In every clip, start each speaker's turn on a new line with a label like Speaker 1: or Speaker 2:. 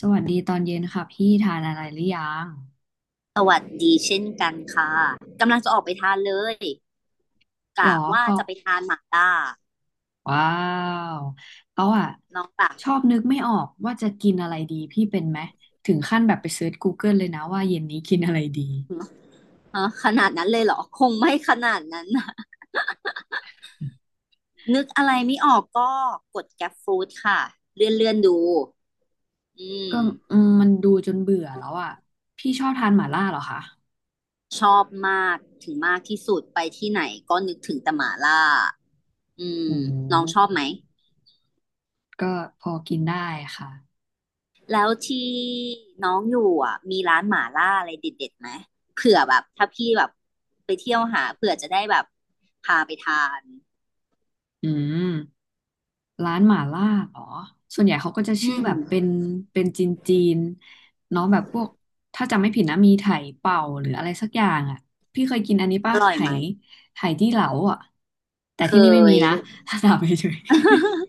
Speaker 1: สวัสดีตอนเย็นค่ะพี่ทานอะไรหรือยัง
Speaker 2: สวัสดีเช่นกันค่ะกำลังจะออกไปทานเลย
Speaker 1: หร
Speaker 2: กะ
Speaker 1: อ
Speaker 2: ว่า
Speaker 1: เขา
Speaker 2: จะไปทานหม่าล่า
Speaker 1: ว้าวเขาอะ
Speaker 2: น้องแบบ
Speaker 1: ชอบนึกไม่ออกว่าจะกินอะไรดีพี่เป็นไหมถึงขั้นแบบไปเซิร์ช Google เกิลเลยนะว่าเย็นนี้กินอะไรดี
Speaker 2: ฮะขนาดนั้นเลยเหรอคงไม่ขนาดนั้นนะนึกอะไรไม่ออกก็กดแกรฟู้ค่ะเลื่อนดูอื
Speaker 1: ก็
Speaker 2: ม
Speaker 1: มันดูจนเบื่อแล้วอะพี่ชอบทานหม่าล่าเหรอคะ
Speaker 2: ชอบมากถึงมากที่สุดไปที่ไหนก็นึกถึงแต่หม่าล่าอื
Speaker 1: โอื
Speaker 2: มน้องชอบ
Speaker 1: ม
Speaker 2: ไหม
Speaker 1: ก็พอกินได้ค่ะ
Speaker 2: แล้วที่น้องอยู่อ่ะมีร้านหม่าล่าอะไรเด็ดๆไหมเผื่อแบบถ้าพี่แบบไปเที่ยวหาเผื่อจะได้แบบพาไปทาน
Speaker 1: อืม ร้านหม่าล่าเหรอ ส่วนใหญ่เขาก็จะ
Speaker 2: อื
Speaker 1: ชื่อ
Speaker 2: ม
Speaker 1: แบบเป็นเป็นจีนจีนเนาะแบบพวกถ้าจำไม่ผิดนะมีไถเป่าหรืออะไรสักอย่างอ่ะพี่เคยกินอันนี้
Speaker 2: อ
Speaker 1: ป่ะ
Speaker 2: ร่อย
Speaker 1: ไห
Speaker 2: ไหม
Speaker 1: ไหจี้เหลาอ่ะแต่
Speaker 2: เคย
Speaker 1: ที่นี่ไม่มีนะ ถ้าถามเฉย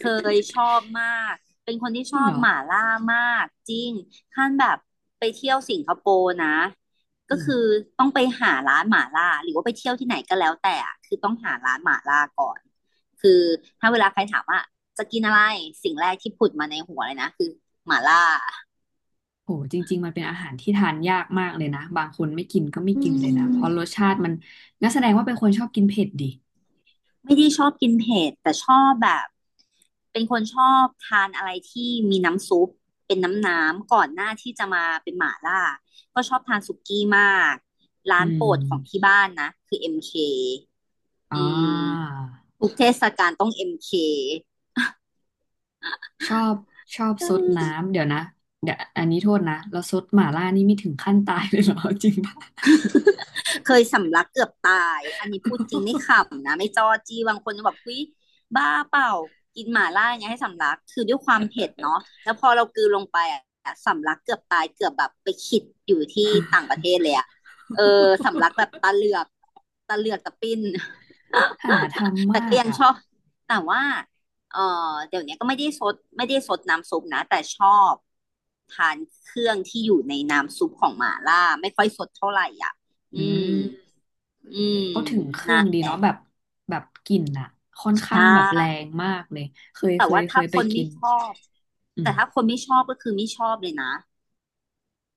Speaker 2: เคยชอบมาก เป็นคน
Speaker 1: ๆ
Speaker 2: ที่
Speaker 1: จ
Speaker 2: ช
Speaker 1: ริง
Speaker 2: อบ
Speaker 1: เหรอ
Speaker 2: หม่าล่ามากจริงขั้นแบบไปเที่ยวสิงคโปร์นะ
Speaker 1: อื
Speaker 2: ก็คือ
Speaker 1: ม
Speaker 2: ต้องไปหาร้านหม่าล่าหรือว่าไปเที่ยวที่ไหนก็แล้วแต่อะคือต้องหาร้านหม่าล่าก่อนคือถ้าเวลาใครถามว่าจะกินอะไรสิ่งแรกที่ผุดมาในหัวเลยนะคือหม่าล่า
Speaker 1: โห จริงๆมันเป็นอาหารที่ทานยากมากเลยนะ บางคนไม่กินก็ไม่
Speaker 2: อื
Speaker 1: กินเลยนะ เพ
Speaker 2: ม
Speaker 1: ราะรสชาติมันงั้นแสดงว่าเป็นคนชอบกินเผ็ดดิ
Speaker 2: ไม่ได้ชอบกินเผ็ดแต่ชอบแบบเป็นคนชอบทานอะไรที่มีน้ำซุปเป็นน้ำก่อนหน้าที่จะมาเป็นหม่าล่าก็ชอบทานสุกี้มากร้า
Speaker 1: อื
Speaker 2: นโปรดของที่
Speaker 1: ม
Speaker 2: บ้านนะคือ MK อมเค
Speaker 1: อ่
Speaker 2: อืม
Speaker 1: า
Speaker 2: ทุกเทศกาลต้อง MK
Speaker 1: ชอบชอบ
Speaker 2: อื
Speaker 1: ซด
Speaker 2: มเค
Speaker 1: น้ำเดี๋ยวนะเดี๋ยวอันนี้โทษนะแล้วซดหม่าล่านี่ไม่ถึงขั้นตายเลยเหรอ จริงป่ะ
Speaker 2: เคยสำลักเกือบตายอันนี้พูดจริงไม่ขำนะไม่จอจี้บางคนจะแบบเฮ้ยบ้าเปล่ากินหม่าล่าอย่างเงี้ยให้สำลักคือด้วยความเผ็ดเนาะแล้วพอเรากลืนลงไปอะสำลักเกือบตายเกือบแบบไปขิดอยู่ที่ต่างประเทศเลยอะเออสำลักแบบ ตาเหลือกตาเหลือกตาปิ้น
Speaker 1: หาท ำ
Speaker 2: แต่
Speaker 1: มา
Speaker 2: ก็
Speaker 1: ก
Speaker 2: ยัง
Speaker 1: อ่ะ
Speaker 2: ชอบแต่ว่าเออเดี๋ยวนี้ก็ไม่ได้ซดไม่ได้ซดน้ำซุปนะแต่ชอบทานเครื่องที่อยู่ในน้ำซุปของหม่าล่าไม่ค่อยซดเท่าไหร่อ่ะ
Speaker 1: อื
Speaker 2: อืม
Speaker 1: ม
Speaker 2: อืม
Speaker 1: เขาถึงเครื่
Speaker 2: นะ
Speaker 1: องดีเนาะแบบแบบกลิ่นอ่ะค่อนข้า
Speaker 2: ใช่
Speaker 1: งแบบแรงมากเลยเคย
Speaker 2: แต่
Speaker 1: เคย
Speaker 2: ว่า
Speaker 1: เค
Speaker 2: ถ้า
Speaker 1: ย
Speaker 2: ค
Speaker 1: ไป
Speaker 2: น
Speaker 1: กิ
Speaker 2: ไม่
Speaker 1: น
Speaker 2: ชอบ
Speaker 1: อื
Speaker 2: แต่
Speaker 1: ม
Speaker 2: ถ้าคนไม่ชอบก็คือไม่ชอบเลยนะ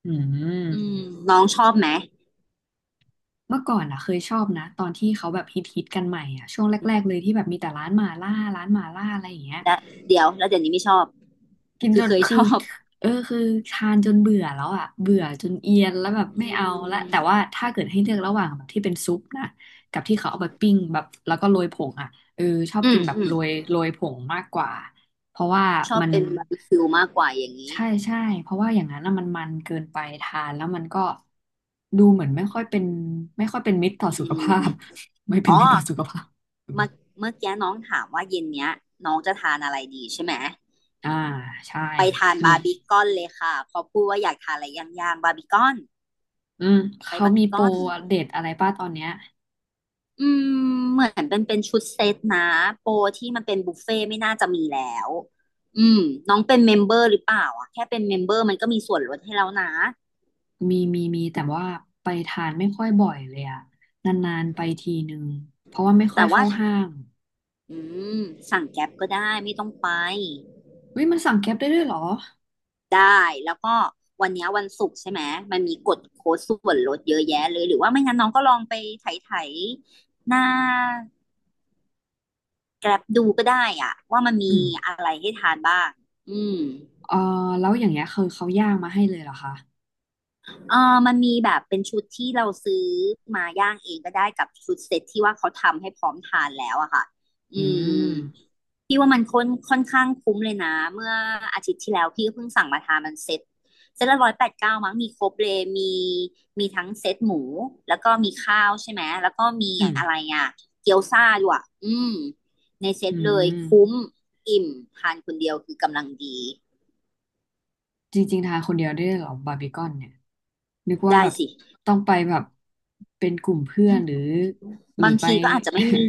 Speaker 1: อืม
Speaker 2: อืมน้องชอบไหม
Speaker 1: เมื่อก่อนอ่ะเคยชอบนะตอนที่เขาแบบฮิตกันใหม่อ่ะช่วงแรกๆเลยที่แบบมีแต่ร้านหม่าล่าร้านหม่าล่าอะไรอย่างเงี้ย
Speaker 2: และเดี๋ยวแล้วเดี๋ยวนี้ไม่ชอบ
Speaker 1: กิน
Speaker 2: คื
Speaker 1: จ
Speaker 2: อ
Speaker 1: น
Speaker 2: เคย
Speaker 1: คื
Speaker 2: ช
Speaker 1: อ
Speaker 2: อบ
Speaker 1: เออคือทานจนเบื่อแล้วอ่ะเบื่อจนเอียนแล้วแบบ
Speaker 2: อื
Speaker 1: ไม่เอาละแต่
Speaker 2: ม
Speaker 1: ว่าถ้าเกิดให้เลือกระหว่างแบบที่เป็นซุปนะกับที่เขาเอาไปปิ้งแบบแล้วก็โรยผงอ่ะเออชอบ
Speaker 2: อื
Speaker 1: กิ
Speaker 2: ม
Speaker 1: นแบบ
Speaker 2: อืม
Speaker 1: โรยผงมากกว่าเพราะว่า
Speaker 2: ชอบ
Speaker 1: มัน
Speaker 2: เป็นบาร์บีคิวมากกว่าอย่างนี้
Speaker 1: ใช่ใช่เพราะว่าอย่างนั้นนะมันเกินไปทานแล้วมันก็ดูเหมือนไม่ค่อยเป็นไม่ค่อยเป็นมิตรต่อ
Speaker 2: อื
Speaker 1: สุข
Speaker 2: ม
Speaker 1: ภาพ ไม่เป็
Speaker 2: อ๋
Speaker 1: น
Speaker 2: อ
Speaker 1: มิตรต่อสุขภาพอืม
Speaker 2: เมื่อเมื่อกี้น้องถามว่าเย็นเนี้ยน้องจะทานอะไรดีใช่ไหม
Speaker 1: อ่าใช่
Speaker 2: ไปทาน
Speaker 1: มี
Speaker 2: บาร์บีคอนเลยค่ะเพอพูดว่าอยากทานอะไรย่างๆบาร์บีคอน
Speaker 1: อืม
Speaker 2: ไป
Speaker 1: เขา
Speaker 2: บาร์บี
Speaker 1: มี
Speaker 2: ค
Speaker 1: โปร
Speaker 2: อน
Speaker 1: เด็ดอะไรป้าตอนเนี้ย
Speaker 2: อืมเหมือนเป็นชุดเซตนะโปรที่มันเป็นบุฟเฟ่ต์ไม่น่าจะมีแล้วอืมน้องเป็นเมมเบอร์หรือเปล่าอ่ะแค่เป็นเมมเบอร์มันก็มีส่วนลดให้แล้วนะ
Speaker 1: มีแต่ว่าไปทานไม่ค่อยบ่อยเลยอะนานๆไปทีนึงเพราะว่าไม่ค่อ
Speaker 2: แต่
Speaker 1: ย
Speaker 2: ว่า
Speaker 1: เข้าห้าง
Speaker 2: อืมสั่งแก๊ปก็ได้ไม่ต้องไป
Speaker 1: เฮ้ยมันสั่งแก๊ปได้ด้วยเหรอ
Speaker 2: ได้แล้วก็วันเนี้ยวันศุกร์ใช่ไหมมันมีกดโค้ดส่วนลดเยอะแยะเลยหรือว่าไม่งั้นน้องก็ลองไปไถหน้า Grab ดูก็ได้อ่ะว่ามัน
Speaker 1: อื
Speaker 2: มี
Speaker 1: ม
Speaker 2: อะไรให้ทานบ้างอืม
Speaker 1: เออแล้วอย่างเงี้ยคือเขาย่างมาให้เลยเหรอคะ
Speaker 2: เออมันมีแบบเป็นชุดที่เราซื้อมาย่างเองก็ได้กับชุดเซ็ตที่ว่าเขาทำให้พร้อมทานแล้วอะค่ะ
Speaker 1: อื
Speaker 2: อืม
Speaker 1: ม
Speaker 2: พี่ว่ามันค่อนข้างคุ้มเลยนะ เมื่ออาทิตย์ที่แล้วพี่ก็เพิ่งสั่งมาทานมันเซ็ตเซ็ตละร้อยแปดเก้ามั้งมีครบเลยมีมีทั้งเซ็ตหมูแล้วก็มีข้าวใช่ไหมแล้วก็มี
Speaker 1: อื
Speaker 2: อะไร
Speaker 1: ม
Speaker 2: อ่ะเกี๊ยวซ่าด้วยอะอืมในเซ็ต
Speaker 1: อื
Speaker 2: เลยคุ้ม
Speaker 1: ม
Speaker 2: อิ่มทานคนเดียวคือกำลังดี
Speaker 1: จริงๆทานคนเดียวได้ด้วยเหรอบาร์บีคอนเนี่ยนึกว่า
Speaker 2: ได้
Speaker 1: แบบ
Speaker 2: สิ
Speaker 1: ต้องไปแบบเป็นกลุ่มเพื่อนหรือหรื
Speaker 2: บา
Speaker 1: อ
Speaker 2: ง
Speaker 1: ไป
Speaker 2: ทีก็อาจจะไม่มี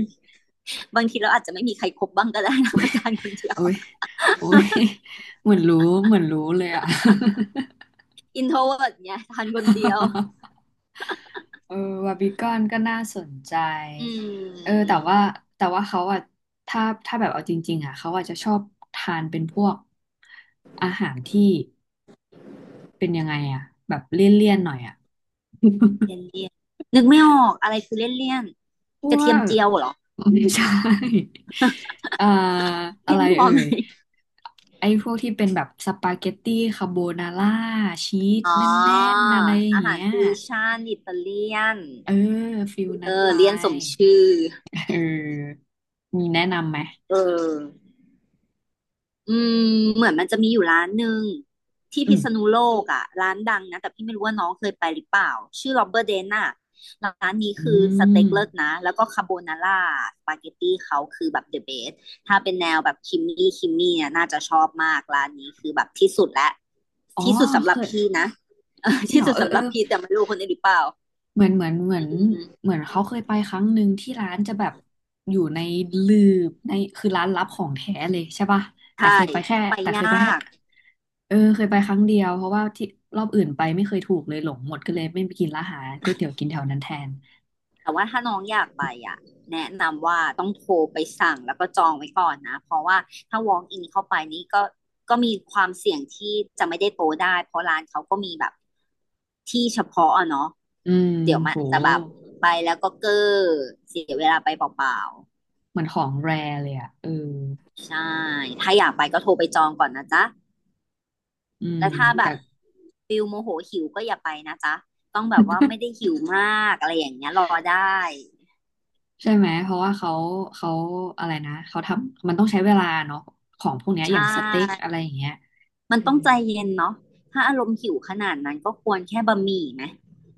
Speaker 2: บางทีเราอาจจะไม่มีใครคบบ้างก็ได้นะ ไปทานคนเดีย ว
Speaker 1: โอ้ยโอ้ยเหมือนรู้เหมือนรู้เลยอะ
Speaker 2: อินโทรเวิร์ดเนี่ยทานคนเดียว
Speaker 1: เออวาบิกอนก็น่าสนใจ
Speaker 2: อื
Speaker 1: เออ
Speaker 2: ม
Speaker 1: แต่ว่าแต่ว่าเขาอะถ้าถ้าแบบเอาจริงๆอะเขาอาจจะชอบทานเป็นพวกอาหารที่เป็นยังไงอะแบบเลี่ยนๆหน่อยอะ
Speaker 2: เลี่ยน เลี่ยนนึกไม่ออกอะไรคือเลี่ยนเลี่ยน
Speaker 1: พ
Speaker 2: กระ
Speaker 1: ว
Speaker 2: เทียม
Speaker 1: ก
Speaker 2: เจียวเหรอ
Speaker 1: ไม่ใช่ เอ่ออะ
Speaker 2: เลี่ย
Speaker 1: ไร
Speaker 2: นพอ
Speaker 1: เอ่
Speaker 2: ไหม
Speaker 1: ยไอ้พวกที่เป็นแบบสปาเกตตี้คาโบนาร่าชีส
Speaker 2: อ๋
Speaker 1: แน่
Speaker 2: อ
Speaker 1: นๆอะไรอย่า
Speaker 2: อา
Speaker 1: ง
Speaker 2: หาร
Speaker 1: เงี้ย
Speaker 2: ฟิวชั่นอิตาเลียน
Speaker 1: เออฟิล
Speaker 2: เออ
Speaker 1: นั้นไป
Speaker 2: เลี่ยนสมชื่อ
Speaker 1: เออมีแนะนำไหม
Speaker 2: เออ อืมเหมือนมันจะมีอยู่ร้านหนึ่งที่
Speaker 1: อื
Speaker 2: พิ
Speaker 1: ม
Speaker 2: ษณุโลกอ่ะร้านดังนะแต่พี่ไม่รู้ว่าน้องเคยไปหรือเปล่าชื่อโรเบอร์เดนน่ะร้านนี้
Speaker 1: อื
Speaker 2: คือสเต็
Speaker 1: ม
Speaker 2: กเลิศนะแล้วก็คาโบนาร่าสปาเกตตี้เขาคือแบบเดอะเบสถ้าเป็นแนวแบบคิมมี่คิมมี่เนี่ยน่าจะชอบมากร้านนี้คือแบบที่สุดและ
Speaker 1: อ๋อ
Speaker 2: ที่สุดสำห
Speaker 1: เค
Speaker 2: รับ
Speaker 1: ย
Speaker 2: พี่นะ เออ
Speaker 1: จริง
Speaker 2: ที่
Speaker 1: เหรอ
Speaker 2: สุด
Speaker 1: เออ
Speaker 2: สำ
Speaker 1: เอ
Speaker 2: ห
Speaker 1: อ
Speaker 2: รับพี่แต่ไม่รู้คนอื่นหรือเปล่า
Speaker 1: เหมือนเหมือนเหมือ
Speaker 2: อื
Speaker 1: น
Speaker 2: ม
Speaker 1: เหมือนเขาเคยไปครั้งหนึ่งที่ร้านจะแบบอยู่ในลืบในคือร้านลับของแท้เลยใช่ป่ะแต่
Speaker 2: ใช่
Speaker 1: เคยไปแค่
Speaker 2: ไป
Speaker 1: แต่เค
Speaker 2: ยา
Speaker 1: ยไปแค่
Speaker 2: ก
Speaker 1: เออเคยไปครั้งเดียวเพราะว่าที่รอบอื่นไปไม่เคยถูกเลยหลงหมดก็เลยไม่ไปกินร้านอาหารก๋วยเตี๋ยวกินแถวนั้นแทน
Speaker 2: แต่ว่าถ้าน้องอยากไปอ่ะแนะนำว่าต้องโทรไปสั่งแล้วก็จองไว้ก่อนนะเพราะว่าถ้า walk in เข้าไปนี่ก็มีความเสี่ยงที่จะไม่ได้โตะได้เพราะร้านเขาก็มีแบบที่เฉพาะอะเนาะ
Speaker 1: อืม
Speaker 2: เดี๋ยวมัน
Speaker 1: โห
Speaker 2: อาจจะแบบไปแล้วก็เก้อเสียเวลาไปเปล่า
Speaker 1: เหมือนของแรเลยอ่ะเออ
Speaker 2: ๆใช่ถ้าอยากไปก็โทรไปจองก่อนนะจ๊ะ
Speaker 1: อืม
Speaker 2: แล้วถ้าแบ
Speaker 1: แต่
Speaker 2: บฟิลโมโหหิวก็อย่าไปนะจ๊ะต้องแบบว่าไม่ได้หิวมากอะไรอย่างเงี้ยรอได้
Speaker 1: ใช่ไหมเพราะว่าเขาเขาอะไรนะเขาทำมันต้องใช้เวลาเนาะของพวกเนี้ย
Speaker 2: ใช
Speaker 1: อย่างสเต็ก
Speaker 2: ่
Speaker 1: อะไรอย่างเงี้ย
Speaker 2: มัน
Speaker 1: อื
Speaker 2: ต้อง
Speaker 1: ม
Speaker 2: ใจเย็นเนาะถ้าอารมณ์หิวขนาดนั้นก็ควรแค่บะหมี่ไหม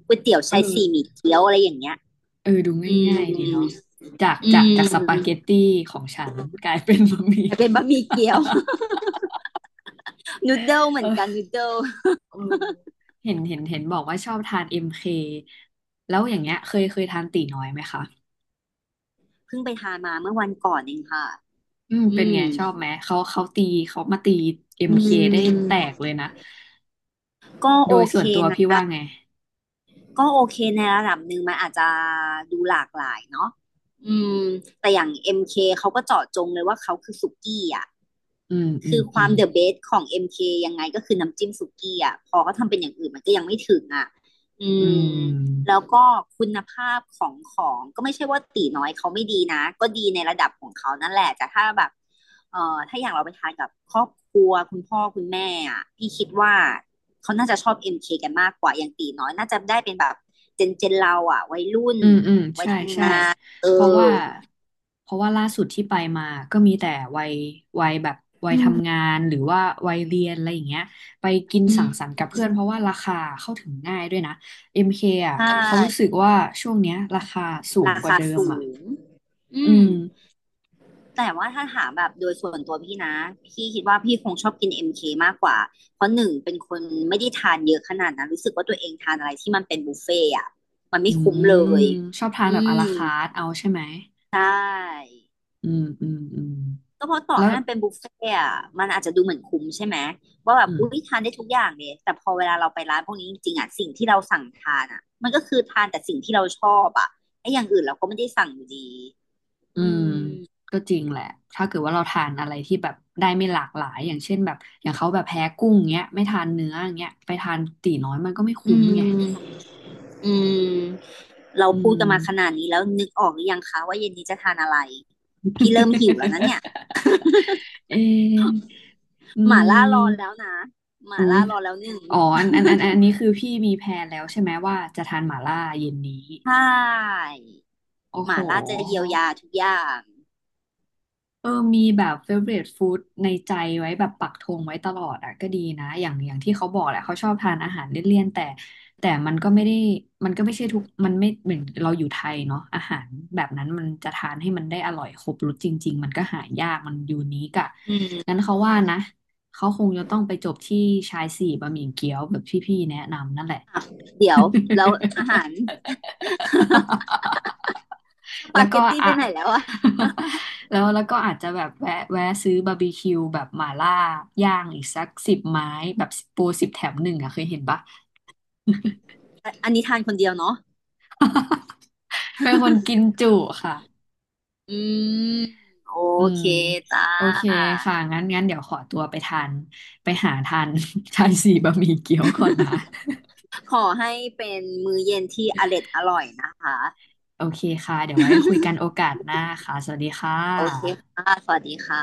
Speaker 2: ก๋วยเตี๋ยว
Speaker 1: เอ
Speaker 2: ชาย
Speaker 1: อ
Speaker 2: สี่หมี่เกี๊ยวอะไรอย่างเงี้ย
Speaker 1: เออดู
Speaker 2: อืม
Speaker 1: ง่ายๆดีเนาะจาก
Speaker 2: อื
Speaker 1: จากจากสปาเก
Speaker 2: ม
Speaker 1: ตตี้ของฉันกลายเป็นบะหมี่
Speaker 2: แต่เป็นบะหมี่ เกี๊ยว นูดเดิลเหมือนกัน
Speaker 1: เออ
Speaker 2: นูดเดิล
Speaker 1: เออเห็นบอกว่าชอบทานเอ็มเคแล้วอย่างเงี้ยเคยทานตีน้อยไหมคะ
Speaker 2: เพิ่งไปทานมาเมื่อวันก่อนเองค่ะ
Speaker 1: อืมเป็
Speaker 2: อื
Speaker 1: นไง
Speaker 2: ม
Speaker 1: ชอบไหมเขาเขาตีเขามาตีเอ็ม
Speaker 2: อืม
Speaker 1: เคได้แตกเลยนะ
Speaker 2: ก็
Speaker 1: โด
Speaker 2: โอ
Speaker 1: ยส่
Speaker 2: เค
Speaker 1: วนตัวพี่
Speaker 2: นะ
Speaker 1: ว่าไง
Speaker 2: ก็โอเคในระดับหนึ่งมันอาจจะดูหลากหลายเนาะอืมแต่อย่าง MK เคเขาก็เจาะจงเลยว่าเขาคือสุกี้อ่ะ
Speaker 1: อืมอื
Speaker 2: คื
Speaker 1: ม
Speaker 2: อค
Speaker 1: อื
Speaker 2: วา
Speaker 1: ม
Speaker 2: มเดอะเบสของ MK ยังไงก็คือน้ำจิ้มสุกี้อ่ะพอเขาทำเป็นอย่างอื่นมันก็ยังไม่ถึงอ่ะอื
Speaker 1: อื
Speaker 2: มแล้ว
Speaker 1: ม
Speaker 2: ก็คุณภาพของของก็ไม่ใช่ว่าตีน้อยเขาไม่ดีนะ ก็ดีในระดับของเขานั่นแหละแต่ถ้าแบบถ้าอย่างเราไปทานกับครอบครัวคุณพ่อคุณแม่อ่ะพี่คิดว่า เขาน่าจะชอบ MK กันมากกว่าอย่างตีน้อยน่าจะได้เป็นแบบเจนเราอ่ะวัยรุ่น
Speaker 1: อืมอืมใช่ใช่
Speaker 2: เอ
Speaker 1: เพราะ
Speaker 2: อ
Speaker 1: ว่าเพราะว่าล่าสุดที่ไปมาก็มีแต่วัยวัยแบบวัยทำงานหรือว่าวัยเรียนอะไรอย่างเงี้ยไปกินสังสรรค์กับเพื่อนเพราะว่าราคาเข้าถึงง่ายด้วยนะ MK อมเคอ่ะ
Speaker 2: ใช่
Speaker 1: เขารู้สึกว่าช่วงเนี้ยราคาสูง
Speaker 2: รา
Speaker 1: กว่า
Speaker 2: คา
Speaker 1: เดิม
Speaker 2: สู
Speaker 1: อ่ะ
Speaker 2: งอื
Speaker 1: อื
Speaker 2: ม
Speaker 1: ม
Speaker 2: แต่ว่าถ้าถามแบบโดยส่วนตัวพี่นะพี่คิดว่าพี่คงชอบกิน MK มเคมากกว่าเพราะหนึ่งเป็นคนไม่ได้ทานเยอะขนาดนั้นรู้สึกว่าตัวเองทานอะไรที่มันเป็นบุฟเฟ่ต์อ่ะมันไม่
Speaker 1: อื
Speaker 2: คุ้ม
Speaker 1: ม
Speaker 2: เลย
Speaker 1: ชอบทาน
Speaker 2: อื
Speaker 1: แบบอารา
Speaker 2: ม
Speaker 1: คาร์ทเอาใช่ไหม
Speaker 2: ใช่
Speaker 1: อืมอืมอืม
Speaker 2: ก็เพราะต่อ
Speaker 1: แล้ว
Speaker 2: ให้มันเป็นบุฟเฟ่ต์อะมันอาจจะดูเหมือนคุ้มใช่ไหมว่าแบบ
Speaker 1: อื
Speaker 2: อุ้ย
Speaker 1: ม
Speaker 2: ทานได้ทุกอย่างเลยแต่พอเวลาเราไปร้านพวกนี้จริงๆอะสิ่งที่เราสั่งทานอะมันก็คือทานแต่สิ่งที่เราชอบอะไอ้อย่างอื่นเราก็ไม่ได้สั่งอยู่ดี
Speaker 1: อื
Speaker 2: อื
Speaker 1: ม
Speaker 2: ม
Speaker 1: ก็จริงแหละถ้าเกิดว่าเราทานอะไรที่แบบได้ไม่หลากหลายอย่างเช่นแบบอย่างเขาแบบแพ้กุ้งเงี้ยไม่ทานเนื้ออย่างเงี้ยไปทานตีน้อยมันก็ไม่
Speaker 2: อื
Speaker 1: คุ้มไง
Speaker 2: มอืมเรา
Speaker 1: อื
Speaker 2: พูด
Speaker 1: ม
Speaker 2: กันมาขนา ดนี้แล้วนึกออกหรือยังคะว่าเย็นนี้จะทานอะไรพี่เริ่มหิวแล้วนะเนี่ย
Speaker 1: เอออื
Speaker 2: หม่าล่ารอแล้ว
Speaker 1: ม
Speaker 2: นะหม่า
Speaker 1: อุ้
Speaker 2: ล่า
Speaker 1: ย
Speaker 2: รอแล้วหนึ่ง
Speaker 1: อ๋ออันนี้คือพี่มีแพลนแล้วใช่ไหมว่าจะทานหม่าล่าเย็นนี้
Speaker 2: ใช่
Speaker 1: โอ้
Speaker 2: ห
Speaker 1: โห
Speaker 2: ม่าล่าจะเยียวยาทุกอย่าง
Speaker 1: เออมีแบบ favorite food ในใจไว้แบบปักธงไว้ตลอดอ่ะก็ดีนะอย่างอย่างที่เขาบอกแหละเขาชอบทานอาหารเลี่ยนๆแต่แต่มันก็ไม่ได้ มันก็ไม่ใช่ทุกมันไม่เหมือนเราอยู่ไทยเนาะอาหารแบบนั้นมันจะทานให้มันได้อร่อยครบรสจริงๆมันก็หายากมันยูนิคอะ
Speaker 2: อื
Speaker 1: งั้น
Speaker 2: ม
Speaker 1: เขาว่านะเขาคงจะต้องไปจบที่ชายสี่บะหมี่เกี๊ยวแบบที่พี่แนะนำนั่นแหละ
Speaker 2: อ่ะเดี๋ยวแล้วอาหารส
Speaker 1: แล้
Speaker 2: ปา
Speaker 1: ว
Speaker 2: เก
Speaker 1: ก็
Speaker 2: ตตี้ไป
Speaker 1: อ่ะ
Speaker 2: ไหนแล้วอ่ะ
Speaker 1: แล้วแล้วก็อาจจะแบบแวะซื้อบาร์บีคิวแบบหม่าล่าย่างอีกสัก10 ไม้แบบโปร10 แถม 1อ่ะเคยเห็นปะ
Speaker 2: อันนี้ทานคนเดียวเนาะ
Speaker 1: เป็นคนกิ นจุค่ะ
Speaker 2: อืมโอ
Speaker 1: อื
Speaker 2: เค
Speaker 1: ม
Speaker 2: จ้า
Speaker 1: โอเคค่ะงั้นเดี๋ยวขอตัวไปทานไปหาทาน ชายสี่บะหมี่เกี๊ยวก่อนนะ
Speaker 2: ขอให้เป็นมื้อเย็นที่อร็ดอร่อยนะคะ
Speaker 1: โอเคค่ะเดี๋ยวไว้คุยกันโอกาสหน้าค่ะสวัสดีค่
Speaker 2: โอเค
Speaker 1: ะ
Speaker 2: ค่ะสวัสดีค่ะ